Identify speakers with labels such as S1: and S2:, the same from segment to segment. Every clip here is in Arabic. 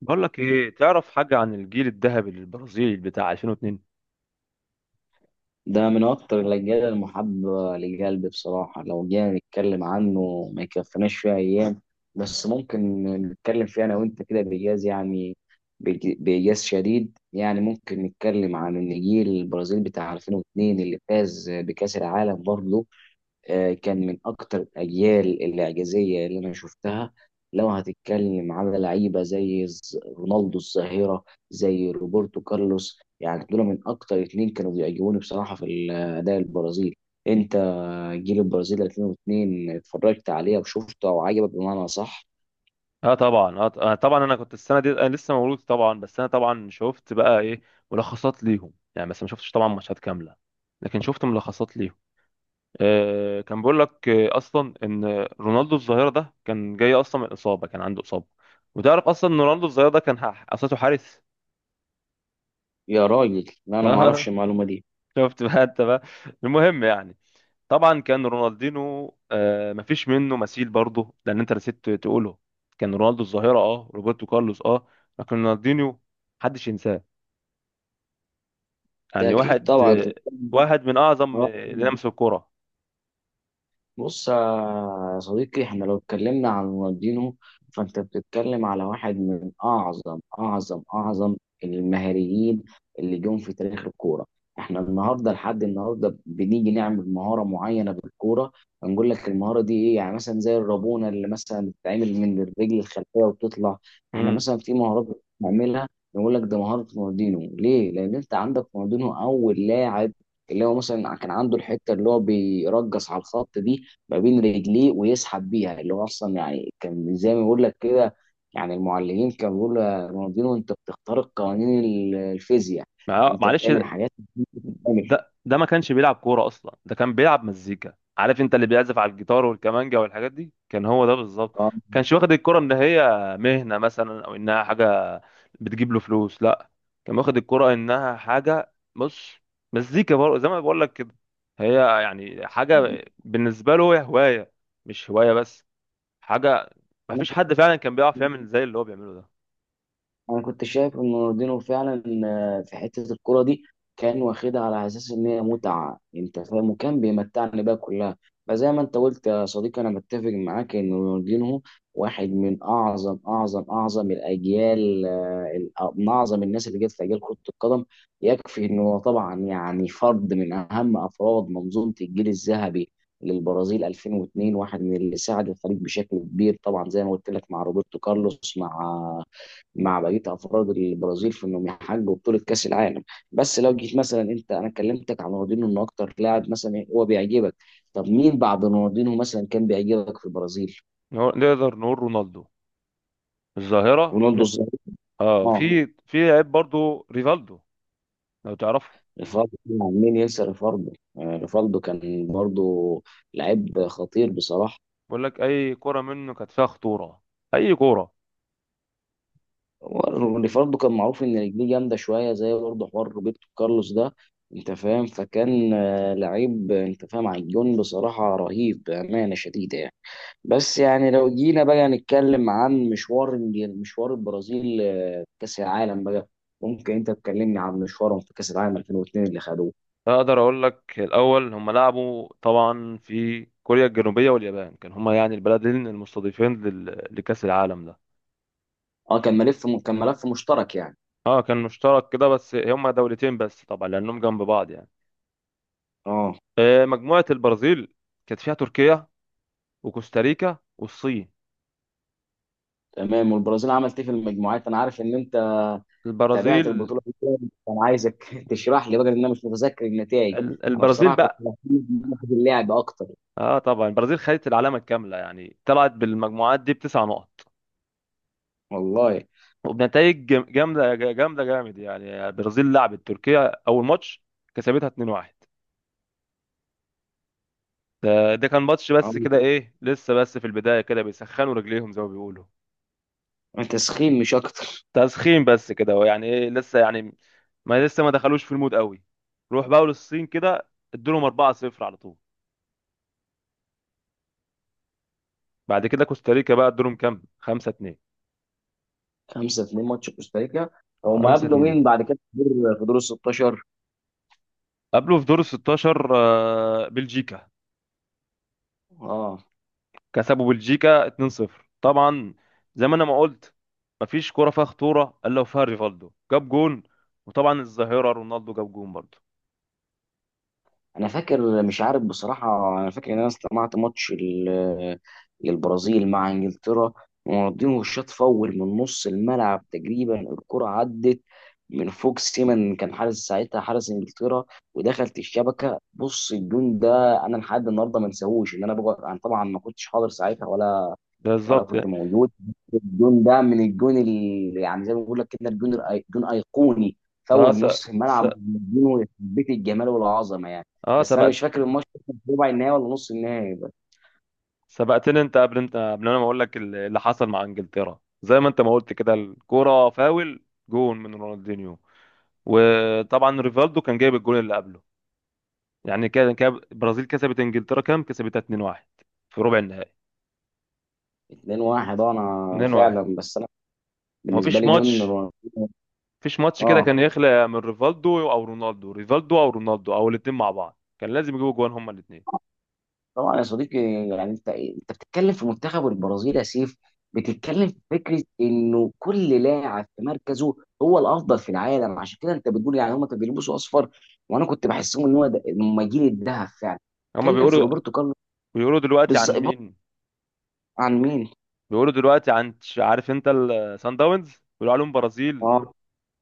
S1: بقول لك ايه، تعرف حاجه عن الجيل الذهبي البرازيلي بتاع 2002؟
S2: ده من أكتر الأجيال المحببة لقلبي بصراحة. لو جينا نتكلم عنه ما يكفناش فيها أيام، بس ممكن نتكلم فيه أنا وأنت كده بإيجاز يعني. بإيجاز شديد يعني، ممكن نتكلم عن النجيل البرازيل بتاع 2002 اللي فاز بكأس العالم برضه. كان من اكتر الاجيال الاعجازيه اللي انا شفتها. لو هتتكلم على لعيبه زي رونالدو الظاهره، زي روبرتو كارلوس، يعني دول من اكتر اتنين كانوا بيعجبوني بصراحه في الاداء البرازيل. انت جيل البرازيل 2002 اتفرجت عليه وشفته او عجبك بمعنى صح؟
S1: اه طبعا، انا كنت السنه دي، انا لسه مولود طبعا، بس انا طبعا شفت بقى ايه، ملخصات ليهم يعني، بس ما شفتش طبعا ماتشات كامله، لكن شفت ملخصات ليهم. آه، كان بيقول لك آه اصلا ان رونالدو الظاهره ده كان جاي اصلا من اصابه، كان عنده اصابه، وتعرف اصلا ان رونالدو الظاهره ده اصله حارس.
S2: يا راجل، لا، انا ما
S1: اه،
S2: اعرفش المعلومه دي.
S1: شفت بقى انت بقى، المهم يعني. طبعا كان رونالدينو، آه، مفيش منه مثيل برضه لان انت نسيت تقوله، كان رونالدو الظاهره، اه روبرتو كارلوس اه، لكن رونالدينيو محدش ينساه.
S2: ده
S1: يعني
S2: اكيد
S1: واحد،
S2: طبعا.
S1: آه، واحد من اعظم، آه، اللي لمسوا الكوره.
S2: بص يا صديقي، احنا لو اتكلمنا عن رونالدينو فانت بتتكلم على واحد من اعظم اعظم اعظم المهاريين اللي جم في تاريخ الكوره. احنا النهارده لحد النهارده بنيجي نعمل مهاره معينه بالكوره، هنقول لك المهاره دي ايه، يعني مثلا زي الرابونه اللي مثلا بتتعمل من الرجل الخلفيه وبتطلع. احنا
S1: امم
S2: مثلا في مهارات بنعملها نقول لك ده مهاره رونالدينو، ليه؟ لان انت عندك رونالدينو اول لاعب اللي هو مثلا كان عنده الحته اللي هو بيرجص على الخط دي ما بين رجليه ويسحب بيها، اللي هو اصلا يعني كان زي ما بقول لك كده. يعني المعلمين كانوا بيقولوا يا رونالدينو انت بتخترق قوانين الفيزياء، انت
S1: معلش،
S2: بتعمل حاجات مش بتتعمل.
S1: ده ما كانش بيلعب كورة أصلا، ده كان بيلعب مزيكا. عارف أنت اللي بيعزف على الجيتار والكمانجا والحاجات دي؟ كان هو ده بالظبط.
S2: اه،
S1: كانش واخد الكورة إن هي مهنة مثلا أو إنها حاجة بتجيب له فلوس، لا. كان واخد الكورة إنها حاجة، بص، مزيكا برضه زي ما بقول لك كده. هي يعني حاجة بالنسبة له، هي هواية، مش هواية بس، حاجة. ما فيش حد فعلا كان بيعرف يعمل زي اللي هو بيعمله ده.
S2: انا كنت شايف ان رونالدينو فعلا في حته الكوره دي كان واخدها على اساس ان هي متعه، انت فاهم، وكان بيمتعني بقى كلها. فزي ما انت قلت يا صديقي، انا متفق معاك ان رونالدينو واحد من اعظم اعظم اعظم الاجيال، من اعظم الناس اللي جت في اجيال كره القدم. يكفي ان هو طبعا يعني فرد من اهم افراد منظومه الجيل الذهبي للبرازيل 2002، واحد من اللي ساعد الفريق بشكل كبير، طبعا زي ما قلت لك مع روبرتو كارلوس، مع بقيه افراد البرازيل في انهم يحققوا بطوله كاس العالم. بس لو جيت مثلا انت، انا كلمتك عن رونالدينو انه اكتر لاعب مثلا هو بيعجبك، طب مين بعد رونالدينو مثلا كان بيعجبك في البرازيل؟
S1: نقدر نقول رونالدو الظاهرة.
S2: رونالدو الظاهر.
S1: اه،
S2: اه،
S1: في عيب برضه ريفالدو، لو تعرفه.
S2: ريفالدو، طبعاً، مين ينسى ريفالدو؟ ريفالدو كان برضه لعيب خطير بصراحه.
S1: بقول لك اي كرة منه كانت فيها خطورة، اي كرة.
S2: ريفالدو كان معروف ان رجليه جامده شويه زي برضه حوار روبرتو كارلوس ده، انت فاهم. فكان لعيب، انت فاهم على الجون بصراحه رهيب بامانه شديده يعني. بس يعني لو جينا بقى نتكلم عن مشوار، مشوار البرازيل في كأس العالم بقى، ممكن انت تكلمني عن مشوارهم في كأس العالم 2002 اللي خدوه؟
S1: اقدر اقول لك الاول، هم لعبوا طبعا في كوريا الجنوبية واليابان، كان هما يعني البلدين المستضيفين لكأس العالم ده.
S2: اه، كان ملف مشترك يعني.
S1: اه كان مشترك كده بس، هما دولتين بس طبعا لانهم جنب بعض يعني.
S2: اه،
S1: آه، مجموعة البرازيل كانت فيها تركيا وكوستاريكا والصين.
S2: تمام. والبرازيل عملت ايه في المجموعات؟ انا عارف ان انت تابعت
S1: البرازيل،
S2: البطولة دي، كان عايزك تشرح لي بقى لان انا مش متذكر النتائج.
S1: ال-
S2: انا
S1: البرازيل
S2: بصراحة كنت
S1: بقى،
S2: مهتم في اللعب اكتر.
S1: اه طبعا البرازيل خدت العلامة الكاملة يعني، طلعت بالمجموعات دي بتسع نقط،
S2: والله.
S1: وبنتائج جامده جامد يعني. البرازيل لعبت تركيا اول ماتش، كسبتها 2-1. ده كان ماتش بس
S2: اه،
S1: كده، ايه لسه بس في البدايه كده بيسخنوا رجليهم زي ما بيقولوا،
S2: انت سخين مش اكتر.
S1: تسخين بس كده ويعني ايه لسه يعني، ما لسه ما دخلوش في المود قوي. روح بقى للصين كده، ادولهم 4-0 على طول. بعد كده كوستاريكا بقى، ادولهم كام، 5-2.
S2: 5-2 ماتش كوستاريكا. هما قابلوا
S1: 5-2.
S2: مين بعد كده في دور ال 16؟
S1: قبله في دور ال 16، آه، بلجيكا،
S2: اه.
S1: كسبوا بلجيكا 2-0 طبعا. زي ما انا ما قلت، مفيش كرة فيها خطورة الا وفيها ريفالدو جاب جون، وطبعا الظاهرة رونالدو جاب جون برضه.
S2: انا فاكر، مش عارف بصراحه، انا فاكر ان انا استمعت ماتش البرازيل مع انجلترا، ورونالدينو الشاط فول من نص الملعب تقريبا، الكره عدت من فوق سيمن، كان حارس ساعتها، حارس انجلترا، ودخلت الشبكه. بص، الجون ده انا لحد النهارده ما انساهوش، ان انا بقعد، انا طبعا ما كنتش حاضر ساعتها ولا وانا
S1: بالظبط.
S2: كنت موجود. الجون ده من الجون اللي يعني زي ما بقول لك كده، الجون جون ايقوني
S1: اه
S2: فاول
S1: س...
S2: نص
S1: س...
S2: الملعب. جون بيت الجمال والعظمه يعني.
S1: اه
S2: بس انا
S1: سبقت.
S2: مش فاكر الماتش كان في ربع النهائي ولا نص النهائي بقى.
S1: سبقتني انت، قبل، انت قبل انا ما اقول لك اللي حصل مع انجلترا، زي ما انت ما قلت كده، الكرة فاول جون من رونالدينيو، وطبعا ريفالدو كان جايب الجون اللي قبله. يعني كده كده البرازيل كسبت انجلترا كام، كسبتها 2-1 في ربع النهائي.
S2: 2-1، انا
S1: 2-1.
S2: فعلا، بس انا بالنسبه
S1: مفيش
S2: لي جون.
S1: ماتش مفيش ماتش كده
S2: اه،
S1: كان يخلق من ريفالدو او رونالدو، ريفالدو او رونالدو او الاثنين مع بعض، كان لازم يجيبوا جوان هما الاثنين.
S2: طبعا يا صديقي. يعني انت بتتكلم في منتخب البرازيل يا سيف، بتتكلم في فكره انه كل لاعب في مركزه هو الافضل في العالم. عشان كده انت بتقول يعني هم كانوا بيلبسوا اصفر، وانا كنت بحسهم ان هم جيل الذهب فعلا.
S1: هما
S2: اتكلم في
S1: بيقولوا،
S2: روبرتو كارلوس.
S1: بيقولوا دلوقتي عن
S2: بالظبط.
S1: مين؟
S2: عن مين؟
S1: بيقولوا دلوقتي عن عارف انت السان داونز، بيقولوا عليهم برازيل،
S2: اه.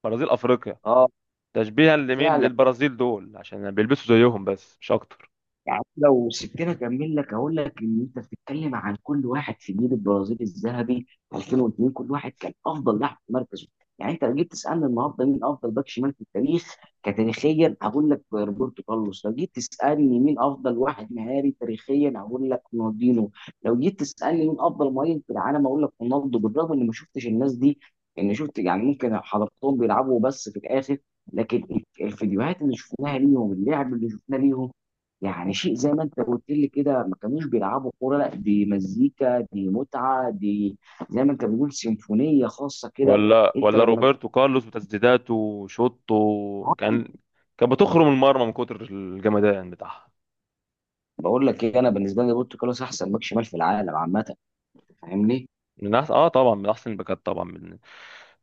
S1: برازيل افريقيا.
S2: اه،
S1: تشبيها لمين؟
S2: فعلا.
S1: للبرازيل دول، عشان بيلبسوا زيهم بس مش اكتر.
S2: يعني لو سبتني اكمل لك اقول لك ان انت بتتكلم عن كل واحد في جيل البرازيل الذهبي 2002، كل واحد كان افضل لاعب في مركزه. يعني انت لو جيت تسالني النهارده مين افضل باك شمال في التاريخ كتاريخيا هقول لك روبرتو كارلوس، لو جيت تسالني مين افضل واحد مهاري تاريخيا هقول لك رونالدينو، لو جيت تسالني مين افضل مهاجم في العالم هقول لك رونالدو. بالرغم اني ما شفتش الناس دي، ان شفت يعني ممكن حضرتهم بيلعبوا بس في الاخر، لكن الفيديوهات اللي شفناها ليهم، اللعب اللي شفناه ليهم، يعني شيء زي ما انت قلت لي كده، ما كانوش بيلعبوا كوره، لا دي مزيكا، دي متعه، دي زي ما انت بتقول سيمفونيه خاصه كده.
S1: ولا
S2: انت
S1: ولا
S2: لما
S1: روبرتو كارلوس وتسديداته وشوطه، كان كان بتخرم المرمى من كتر الجمدان بتاعها.
S2: بقول لك ايه، انا بالنسبه لي بورتو كارلوس احسن باك شمال في العالم عامه، انت فاهمني.
S1: من أحسن، اه طبعا من احسن الباكات طبعا.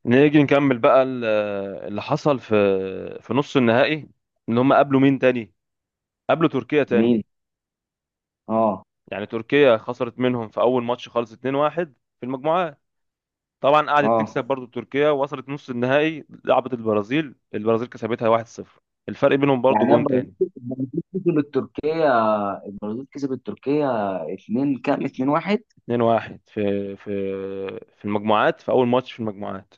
S1: نيجي نكمل بقى اللي حصل في، في نص النهائي، ان هم قابلوا مين تاني، قابلوا تركيا تاني.
S2: مين؟ اه.
S1: يعني تركيا خسرت منهم في اول ماتش خالص 2-1 في المجموعات، طبعا قعدت
S2: اه،
S1: تكسب برضو، تركيا وصلت نص النهائي، لعبت البرازيل، البرازيل كسبتها 1-0. الفرق بينهم برضو
S2: يعني
S1: جون
S2: ابراهيم
S1: تاني.
S2: كسب التركيه. ابراهيم كسب التركيه 2 كام، 2-1.
S1: 2-1 في في في المجموعات، في اول ماتش في المجموعات،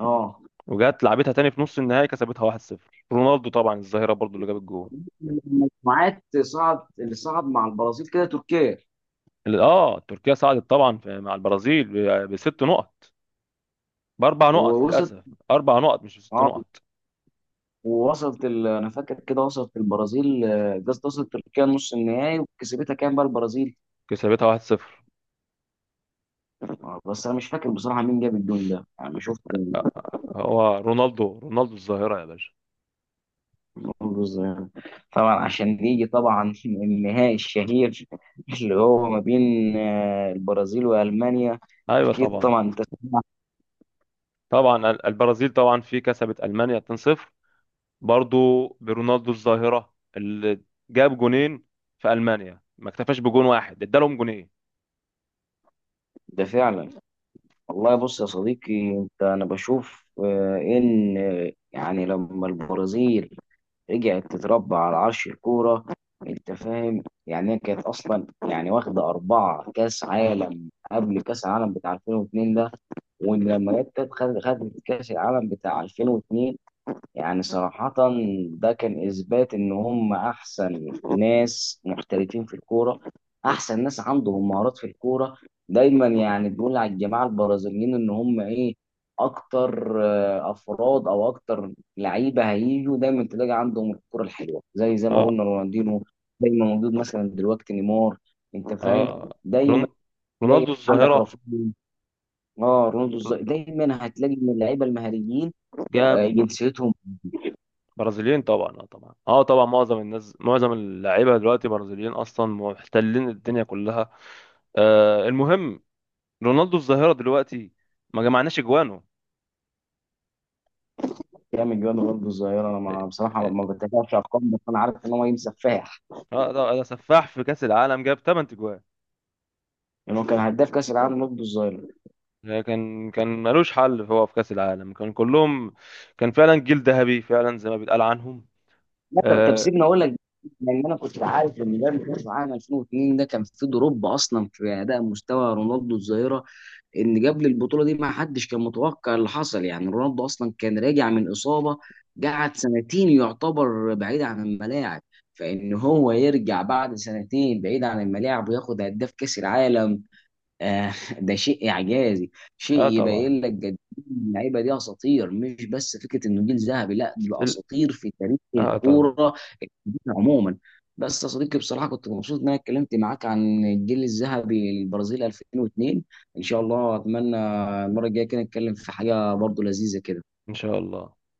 S2: اه.
S1: وجات لعبتها تاني في نص النهائي، كسبتها 1-0. رونالدو طبعا الظاهرة برضو اللي جاب الجول.
S2: المجموعات صعد اللي صعد مع البرازيل كده؟ تركيا.
S1: اه تركيا صعدت طبعا مع البرازيل بست نقط، باربع نقط
S2: ووصل.
S1: للاسف، اربع نقط مش بست
S2: اه.
S1: نقط.
S2: ووصلت انا فاكر كده وصلت البرازيل، قصدي وصلت تركيا نص النهائي، وكسبتها كام بقى البرازيل؟
S1: كسبتها 1-0.
S2: بس انا مش فاكر بصراحه مين جاب الجون ده، انا ما شفت المنظر
S1: آه، هو رونالدو، رونالدو الظاهره يا باشا.
S2: ده يعني. طبعا عشان يجي طبعا النهائي الشهير اللي هو ما بين البرازيل والمانيا.
S1: ايوه
S2: اكيد
S1: طبعا.
S2: طبعا انت سمعت.
S1: طبعا البرازيل طبعا في كسبت المانيا 2-0، برضو برونالدو الظاهره اللي جاب جونين. في المانيا ما اكتفاش بجون واحد، ادالهم جونين.
S2: ده فعلا. والله، بص يا صديقي انت، انا بشوف ان يعني لما البرازيل رجعت تتربى على عرش الكورة، انت فاهم، يعني هي كانت اصلا يعني واخده اربعه كاس عالم قبل كاس العالم بتاع 2002 ده، وان لما جت خدت كاس العالم بتاع 2002. يعني صراحة، ده كان إثبات إن هم أحسن ناس محترفين في الكورة، أحسن ناس عندهم مهارات في الكورة. دايما يعني بيقول على الجماعة البرازيليين إن هم إيه، أكتر أفراد أو أكتر لعيبة هيجوا دايما تلاقي عندهم الكورة الحلوة، زي زي ما
S1: اه.
S2: قلنا رونالدينو دايما موجود، مثلا دلوقتي نيمار، أنت فاهم،
S1: اه
S2: دايما
S1: رون-
S2: تلاقي
S1: رونالدو
S2: عندك
S1: الظاهره،
S2: رافينيا، اه رونالدو الظاهر. دايما هتلاقي من اللعيبة المهاريين
S1: جاب
S2: جنسيتهم.
S1: برازيليين طبعا، اه طبعا، اه طبعا معظم الناس، معظم اللعيبه دلوقتي برازيليين اصلا، محتلين الدنيا كلها. آه المهم، رونالدو الظاهره دلوقتي ما جمعناش اجوانه.
S2: جامد جواد برضه الظاهرة. أنا ما بصراحة
S1: اه.
S2: ما بتابعش أرقام، بس أنا عارف إن هو راجل سفاح.
S1: آه، ده سفاح في كاس العالم، جاب 8 اجوان،
S2: يعني هو كان هداف كأس العالم برضه الظاهرة.
S1: كان ملوش حل هو في كاس العالم، كان كلهم، كان فعلا جيل ذهبي فعلا زي ما بيتقال عنهم.
S2: لا، طب
S1: اه.
S2: سيبني أقول لك. لأن أنا كنت عارف إن ده كأس العالم 2002 ده كان فيه دروب أصلا في أداء مستوى رونالدو الظاهرة، إن قبل البطولة دي ما حدش كان متوقع اللي حصل. يعني رونالدو أصلا كان راجع من إصابة، قعد سنتين يعتبر بعيد عن الملاعب، فإن هو يرجع بعد سنتين بعيد عن الملاعب وياخد هداف كأس العالم، آه، ده شيء اعجازي. شيء
S1: آه طبعا
S2: يبين لك قد إيه اللعيبه دي اساطير، مش بس فكره انه جيل ذهبي، لا دول
S1: ال-
S2: اساطير في تاريخ
S1: اه طبعا
S2: الكوره عموما. بس يا صديقي بصراحه كنت مبسوط ان انا اتكلمت معاك عن الجيل الذهبي للبرازيل 2002. ان شاء الله اتمنى المره الجايه كده نتكلم في حاجه برضو لذيذه كده.
S1: ان شاء الله.